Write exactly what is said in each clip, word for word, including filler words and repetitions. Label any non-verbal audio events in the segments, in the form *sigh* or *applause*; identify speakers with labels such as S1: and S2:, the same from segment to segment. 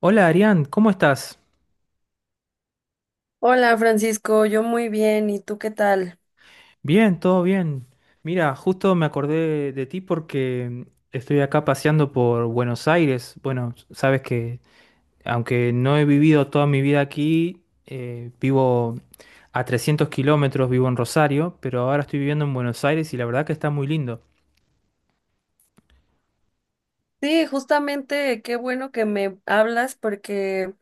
S1: Hola Arián, ¿cómo estás?
S2: Hola Francisco, yo muy bien, ¿y tú qué tal?
S1: Bien, todo bien. Mira, justo me acordé de ti porque estoy acá paseando por Buenos Aires. Bueno, sabes que aunque no he vivido toda mi vida aquí, eh, vivo a trescientos kilómetros, vivo en Rosario, pero ahora estoy viviendo en Buenos Aires y la verdad que está muy lindo.
S2: Sí, justamente qué bueno que me hablas porque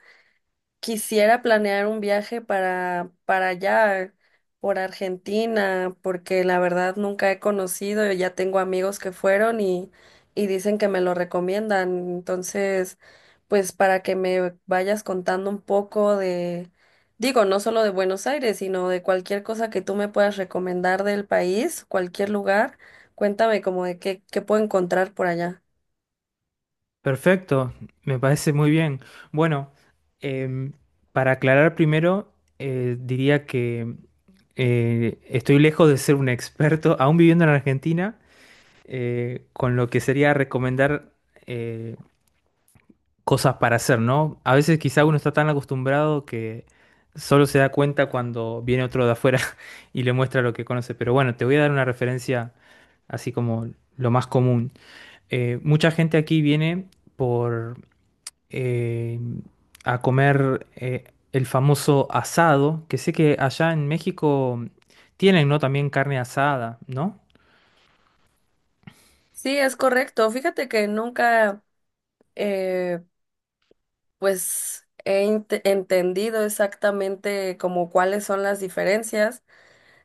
S2: quisiera planear un viaje para, para allá, por Argentina, porque la verdad nunca he conocido, y ya tengo amigos que fueron y, y dicen que me lo recomiendan. Entonces, pues para que me vayas contando un poco de, digo, no solo de Buenos Aires, sino de cualquier cosa que tú me puedas recomendar del país, cualquier lugar, cuéntame como de qué, qué puedo encontrar por allá.
S1: Perfecto, me parece muy bien. Bueno, em, para aclarar primero, eh, diría que eh, estoy lejos de ser un experto, *laughs* aún viviendo en Argentina, eh, con lo que sería recomendar eh, cosas para hacer, ¿no? A veces quizá uno está tan acostumbrado que solo se da cuenta cuando viene otro de afuera *laughs* y le muestra lo que conoce. Pero bueno, te voy a dar una referencia así como lo más común. Eh, mucha gente aquí viene por eh, a comer eh, el famoso asado, que sé que allá en México tienen, ¿no? También carne asada, ¿no?
S2: Sí, es correcto. Fíjate que nunca... eh, pues he ent- entendido exactamente como cuáles son las diferencias.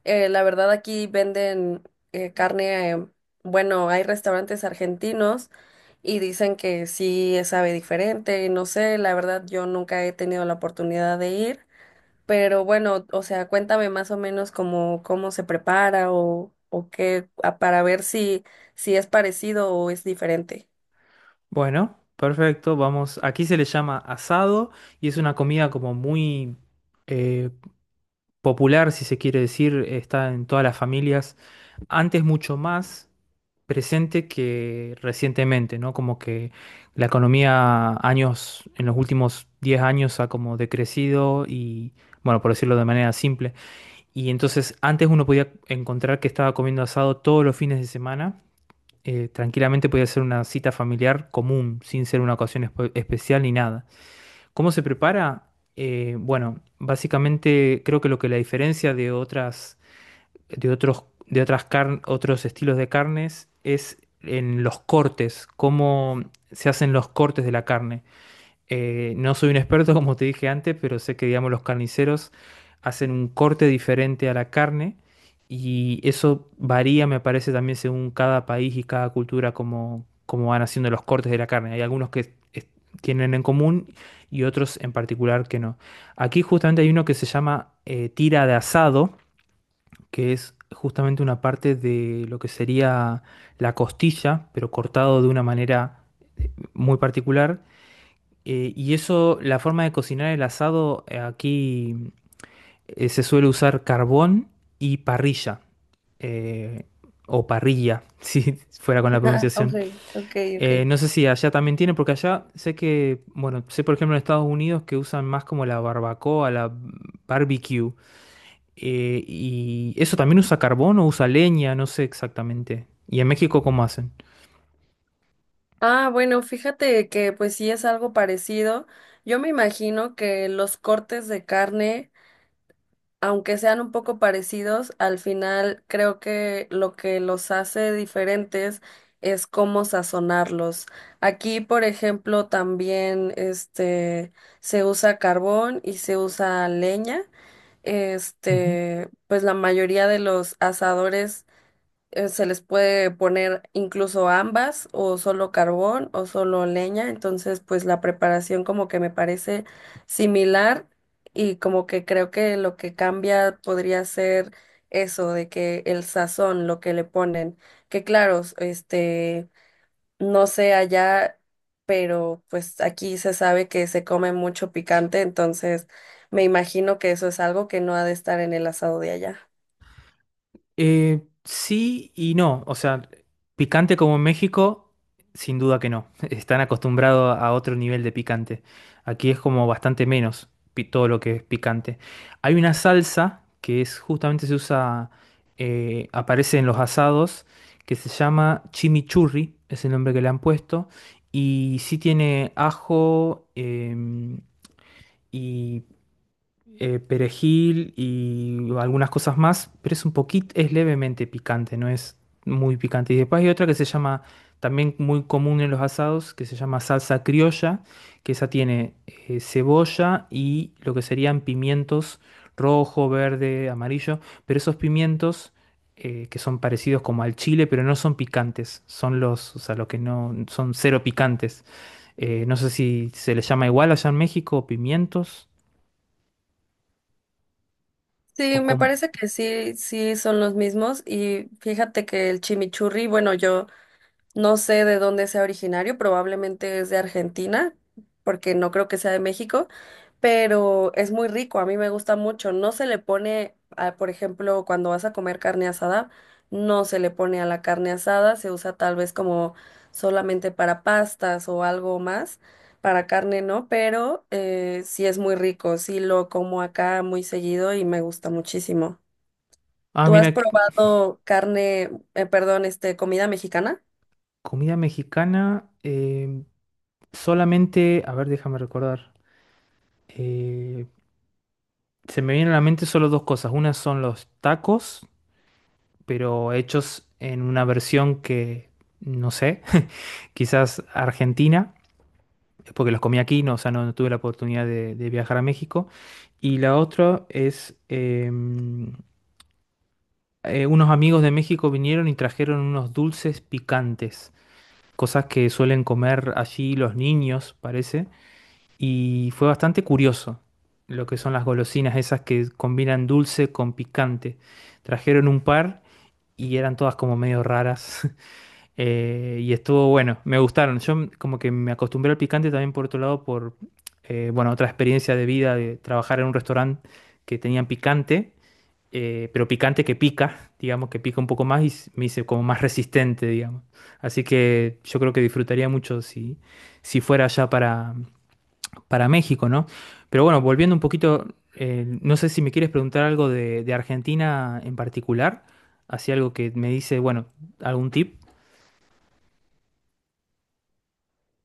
S2: Eh, la verdad aquí venden eh, carne, eh, bueno, hay restaurantes argentinos y dicen que sí sabe diferente, no sé, la verdad yo nunca he tenido la oportunidad de ir, pero bueno, o sea, cuéntame más o menos cómo, cómo se prepara o, o qué, a- para ver si, si es parecido o es diferente.
S1: Bueno, perfecto, vamos. Aquí se le llama asado y es una comida como muy eh, popular, si se quiere decir, está en todas las familias antes mucho más presente que recientemente, ¿no? Como que la economía años, en los últimos diez años ha como decrecido y, bueno, por decirlo de manera simple. Y entonces antes uno podía encontrar que estaba comiendo asado todos los fines de semana. Eh, tranquilamente podía ser una cita familiar común, sin ser una ocasión espe- especial ni nada. ¿Cómo se prepara? Eh, bueno, básicamente creo que lo que la diferencia de otras de otros, de otras car- otros estilos de carnes es en los cortes, cómo se hacen los cortes de la carne. Eh, no soy un experto, *laughs* como te dije antes, pero sé que, digamos, los carniceros hacen un corte diferente a la carne y eso varía, me parece, también según cada país y cada cultura, cómo, cómo van haciendo los cortes de la carne. Hay algunos que es- tienen en común y otros en particular que no. Aquí justamente hay uno que se llama eh, tira de asado que es justamente una parte de lo que sería la costilla, pero cortado de una manera muy particular. Eh, y eso, la forma de cocinar el asado eh, aquí eh, se suele usar carbón y parrilla, eh, o parrilla, *laughs* si fuera con la
S2: *laughs* Ah, ok,
S1: pronunciación.
S2: ok, ok.
S1: Eh, no sé si allá también tiene, porque allá sé que, bueno, sé por ejemplo en Estados Unidos que usan más como la barbacoa, la barbecue. Eh, y eso también usa carbón o usa leña, no sé exactamente. ¿Y en México cómo hacen?
S2: Ah, bueno, fíjate que pues sí es algo parecido. Yo me imagino que los cortes de carne, aunque sean un poco parecidos, al final creo que lo que los hace diferentes es cómo sazonarlos. Aquí, por ejemplo, también este se usa carbón y se usa leña.
S1: Ujú.
S2: Este, pues la mayoría de los asadores eh, se les puede poner incluso ambas o solo carbón o solo leña, entonces pues la preparación como que me parece similar y como que creo que lo que cambia podría ser eso de que el sazón, lo que le ponen, que claro, este, no sé allá, pero pues aquí se sabe que se come mucho picante, entonces me imagino que eso es algo que no ha de estar en el asado de allá.
S1: Eh, sí y no. O sea, picante como en México, sin duda que no. *laughs* Están acostumbrados a otro nivel de picante. Aquí es como bastante menos pi- todo lo que es picante. Hay una salsa que es justamente se usa, eh, aparece en los asados, que se llama chimichurri, es el nombre que le han puesto. Y sí tiene ajo, eh, y eh, perejil y algunas cosas más, pero es un poquito, es levemente picante, no es muy picante. Y después hay otra que se llama, también muy común en los asados, que se llama salsa criolla, que esa tiene eh, cebolla y lo que serían pimientos rojo, verde, amarillo, pero esos pimientos eh, que son parecidos como al chile, pero no son picantes, son los, o sea, los que no son cero picantes. Eh, no sé si se les llama igual allá en México, pimientos. O
S2: Sí, me
S1: com-
S2: parece que sí, sí son los mismos. Y fíjate que el chimichurri, bueno, yo no sé de dónde sea originario, probablemente es de Argentina, porque no creo que sea de México, pero es muy rico, a mí me gusta mucho. No se le pone, ah, por ejemplo, cuando vas a comer carne asada, no se le pone a la carne asada, se usa tal vez como solamente para pastas o algo más, para carne no, pero eh, sí es muy rico, sí lo como acá muy seguido y me gusta muchísimo.
S1: ah,
S2: ¿Tú has
S1: mira, c-
S2: probado carne, eh, perdón, este, comida mexicana?
S1: comida mexicana. Eh, solamente, a ver, déjame recordar. eh, Se me vienen a la mente solo dos cosas. Una son los tacos, pero hechos en una versión que, no sé, *laughs* quizás argentina, porque los comí aquí, no, o sea, no, no tuve la oportunidad de, de viajar a México. Y la otra es, em, eh, unos amigos de México vinieron y trajeron unos dulces picantes. Cosas que suelen comer allí los niños, parece, y fue bastante curioso lo que son las golosinas esas que combinan dulce con picante. Trajeron un par y eran todas como medio raras *laughs* eh, y estuvo bueno, me gustaron. Yo m- como que me acostumbré al picante también por otro lado por, eh, bueno, otra experiencia de vida de trabajar en un restaurante que tenían picante eh, pero picante que pica, digamos, que pica un poco más y s- me hice como más resistente, digamos. Así que yo creo que disfrutaría mucho si, si fuera allá para, para México, ¿no? Pero bueno, volviendo un poquito, eh, no sé si me quieres preguntar algo de, de Argentina en particular, así algo que me dice, bueno, algún tip.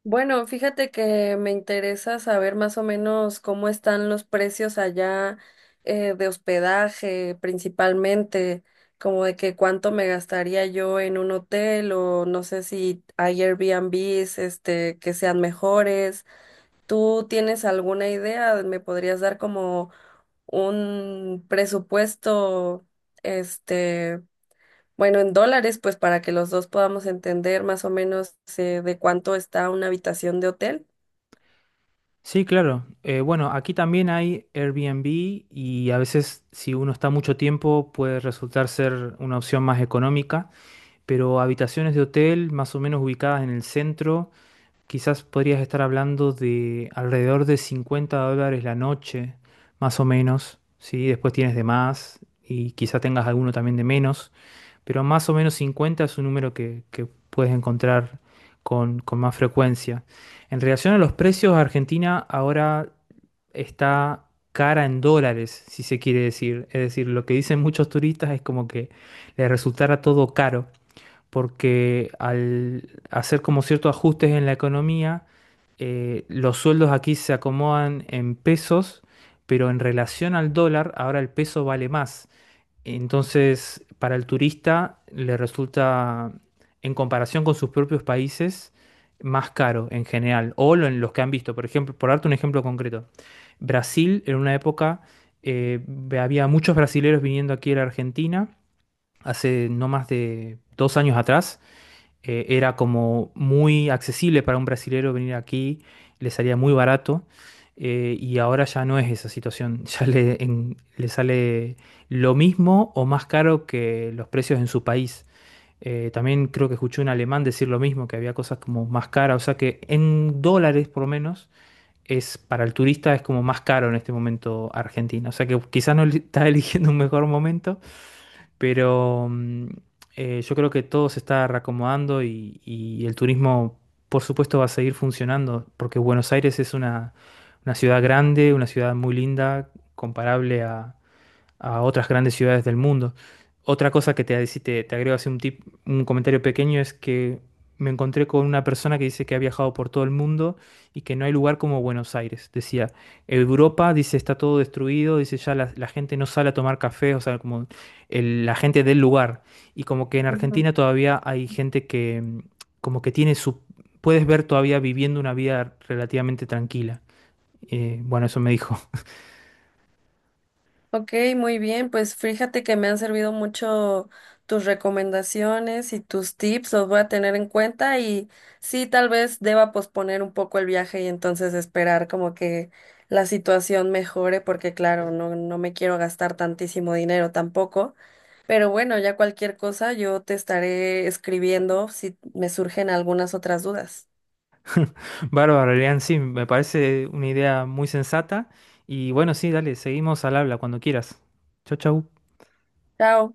S2: Bueno, fíjate que me interesa saber más o menos cómo están los precios allá eh, de hospedaje, principalmente, como de que cuánto me gastaría yo en un hotel o no sé si hay Airbnbs, este, que sean mejores. ¿Tú tienes alguna idea? ¿Me podrías dar como un presupuesto, este, bueno, en dólares, pues para que los dos podamos entender más o menos eh, de cuánto está una habitación de hotel?
S1: Sí, claro. Eh, bueno, aquí también hay Airbnb y a veces si uno está mucho tiempo puede resultar ser una opción más económica. Pero habitaciones de hotel más o menos ubicadas en el centro, quizás podrías estar hablando de alrededor de cincuenta dólares la noche, más o menos, ¿sí? Después tienes de más y quizás tengas alguno también de menos, pero más o menos cincuenta es un número que, que puedes encontrar con, con más frecuencia. En relación a los precios, Argentina ahora está cara en dólares, si se quiere decir. Es decir, lo que dicen muchos turistas es como que les resultara todo caro porque al hacer como ciertos ajustes en la economía, eh, los sueldos aquí se acomodan en pesos, pero en relación al dólar, ahora el peso vale más. Entonces, para el turista le resulta, en comparación con sus propios países, más caro en general, o lo- en los que han visto. Por ejemplo, por darte un ejemplo concreto, Brasil en una época eh, había muchos brasileros viniendo aquí a la Argentina, hace no más de dos años atrás, eh, era como muy accesible para un brasilero venir aquí, le salía muy barato, eh, y ahora ya no es esa situación, *laughs* ya le, en- le sale lo mismo o más caro que los precios en su país. Eh, también creo que escuché un alemán decir lo mismo, que había cosas como más caras, o sea que en dólares por lo menos es para el turista es como más caro en este momento Argentina, o sea que quizás no le- está *laughs* eligiendo un mejor momento, pero mm, eh, yo creo que todo se está reacomodando y, y el turismo, por supuesto, va a seguir funcionando, porque Buenos Aires es una, una ciudad grande, una ciudad muy linda, comparable a, a otras grandes ciudades del mundo. Otra cosa que te, si te, te agrego así un tip, un comentario pequeño es que me encontré con una persona que dice que ha viajado por todo el mundo y que no hay lugar como Buenos Aires. Decía, Europa, dice, está todo destruido, dice, ya la, la gente no sale a tomar café, o sea, como el- la gente del lugar. Y como que en
S2: Ujú.
S1: Argentina todavía hay gente que mm, como que tiene su... Puedes ver todavía viviendo una vida relativamente tranquila. Eh, bueno, eso me dijo.
S2: Ok, muy bien, pues fíjate que me han servido mucho tus recomendaciones y tus tips, los voy a tener en cuenta y sí, tal vez deba posponer un poco el viaje y entonces esperar como que la situación mejore, porque claro, no, no me quiero gastar tantísimo dinero tampoco, pero bueno, ya cualquier cosa yo te estaré escribiendo si me surgen algunas otras dudas.
S1: Bárbaro, Elian, sí, me parece una idea muy sensata. Y bueno, sí, dale, seguimos al habla cuando quieras. Chau, chau.
S2: Chao.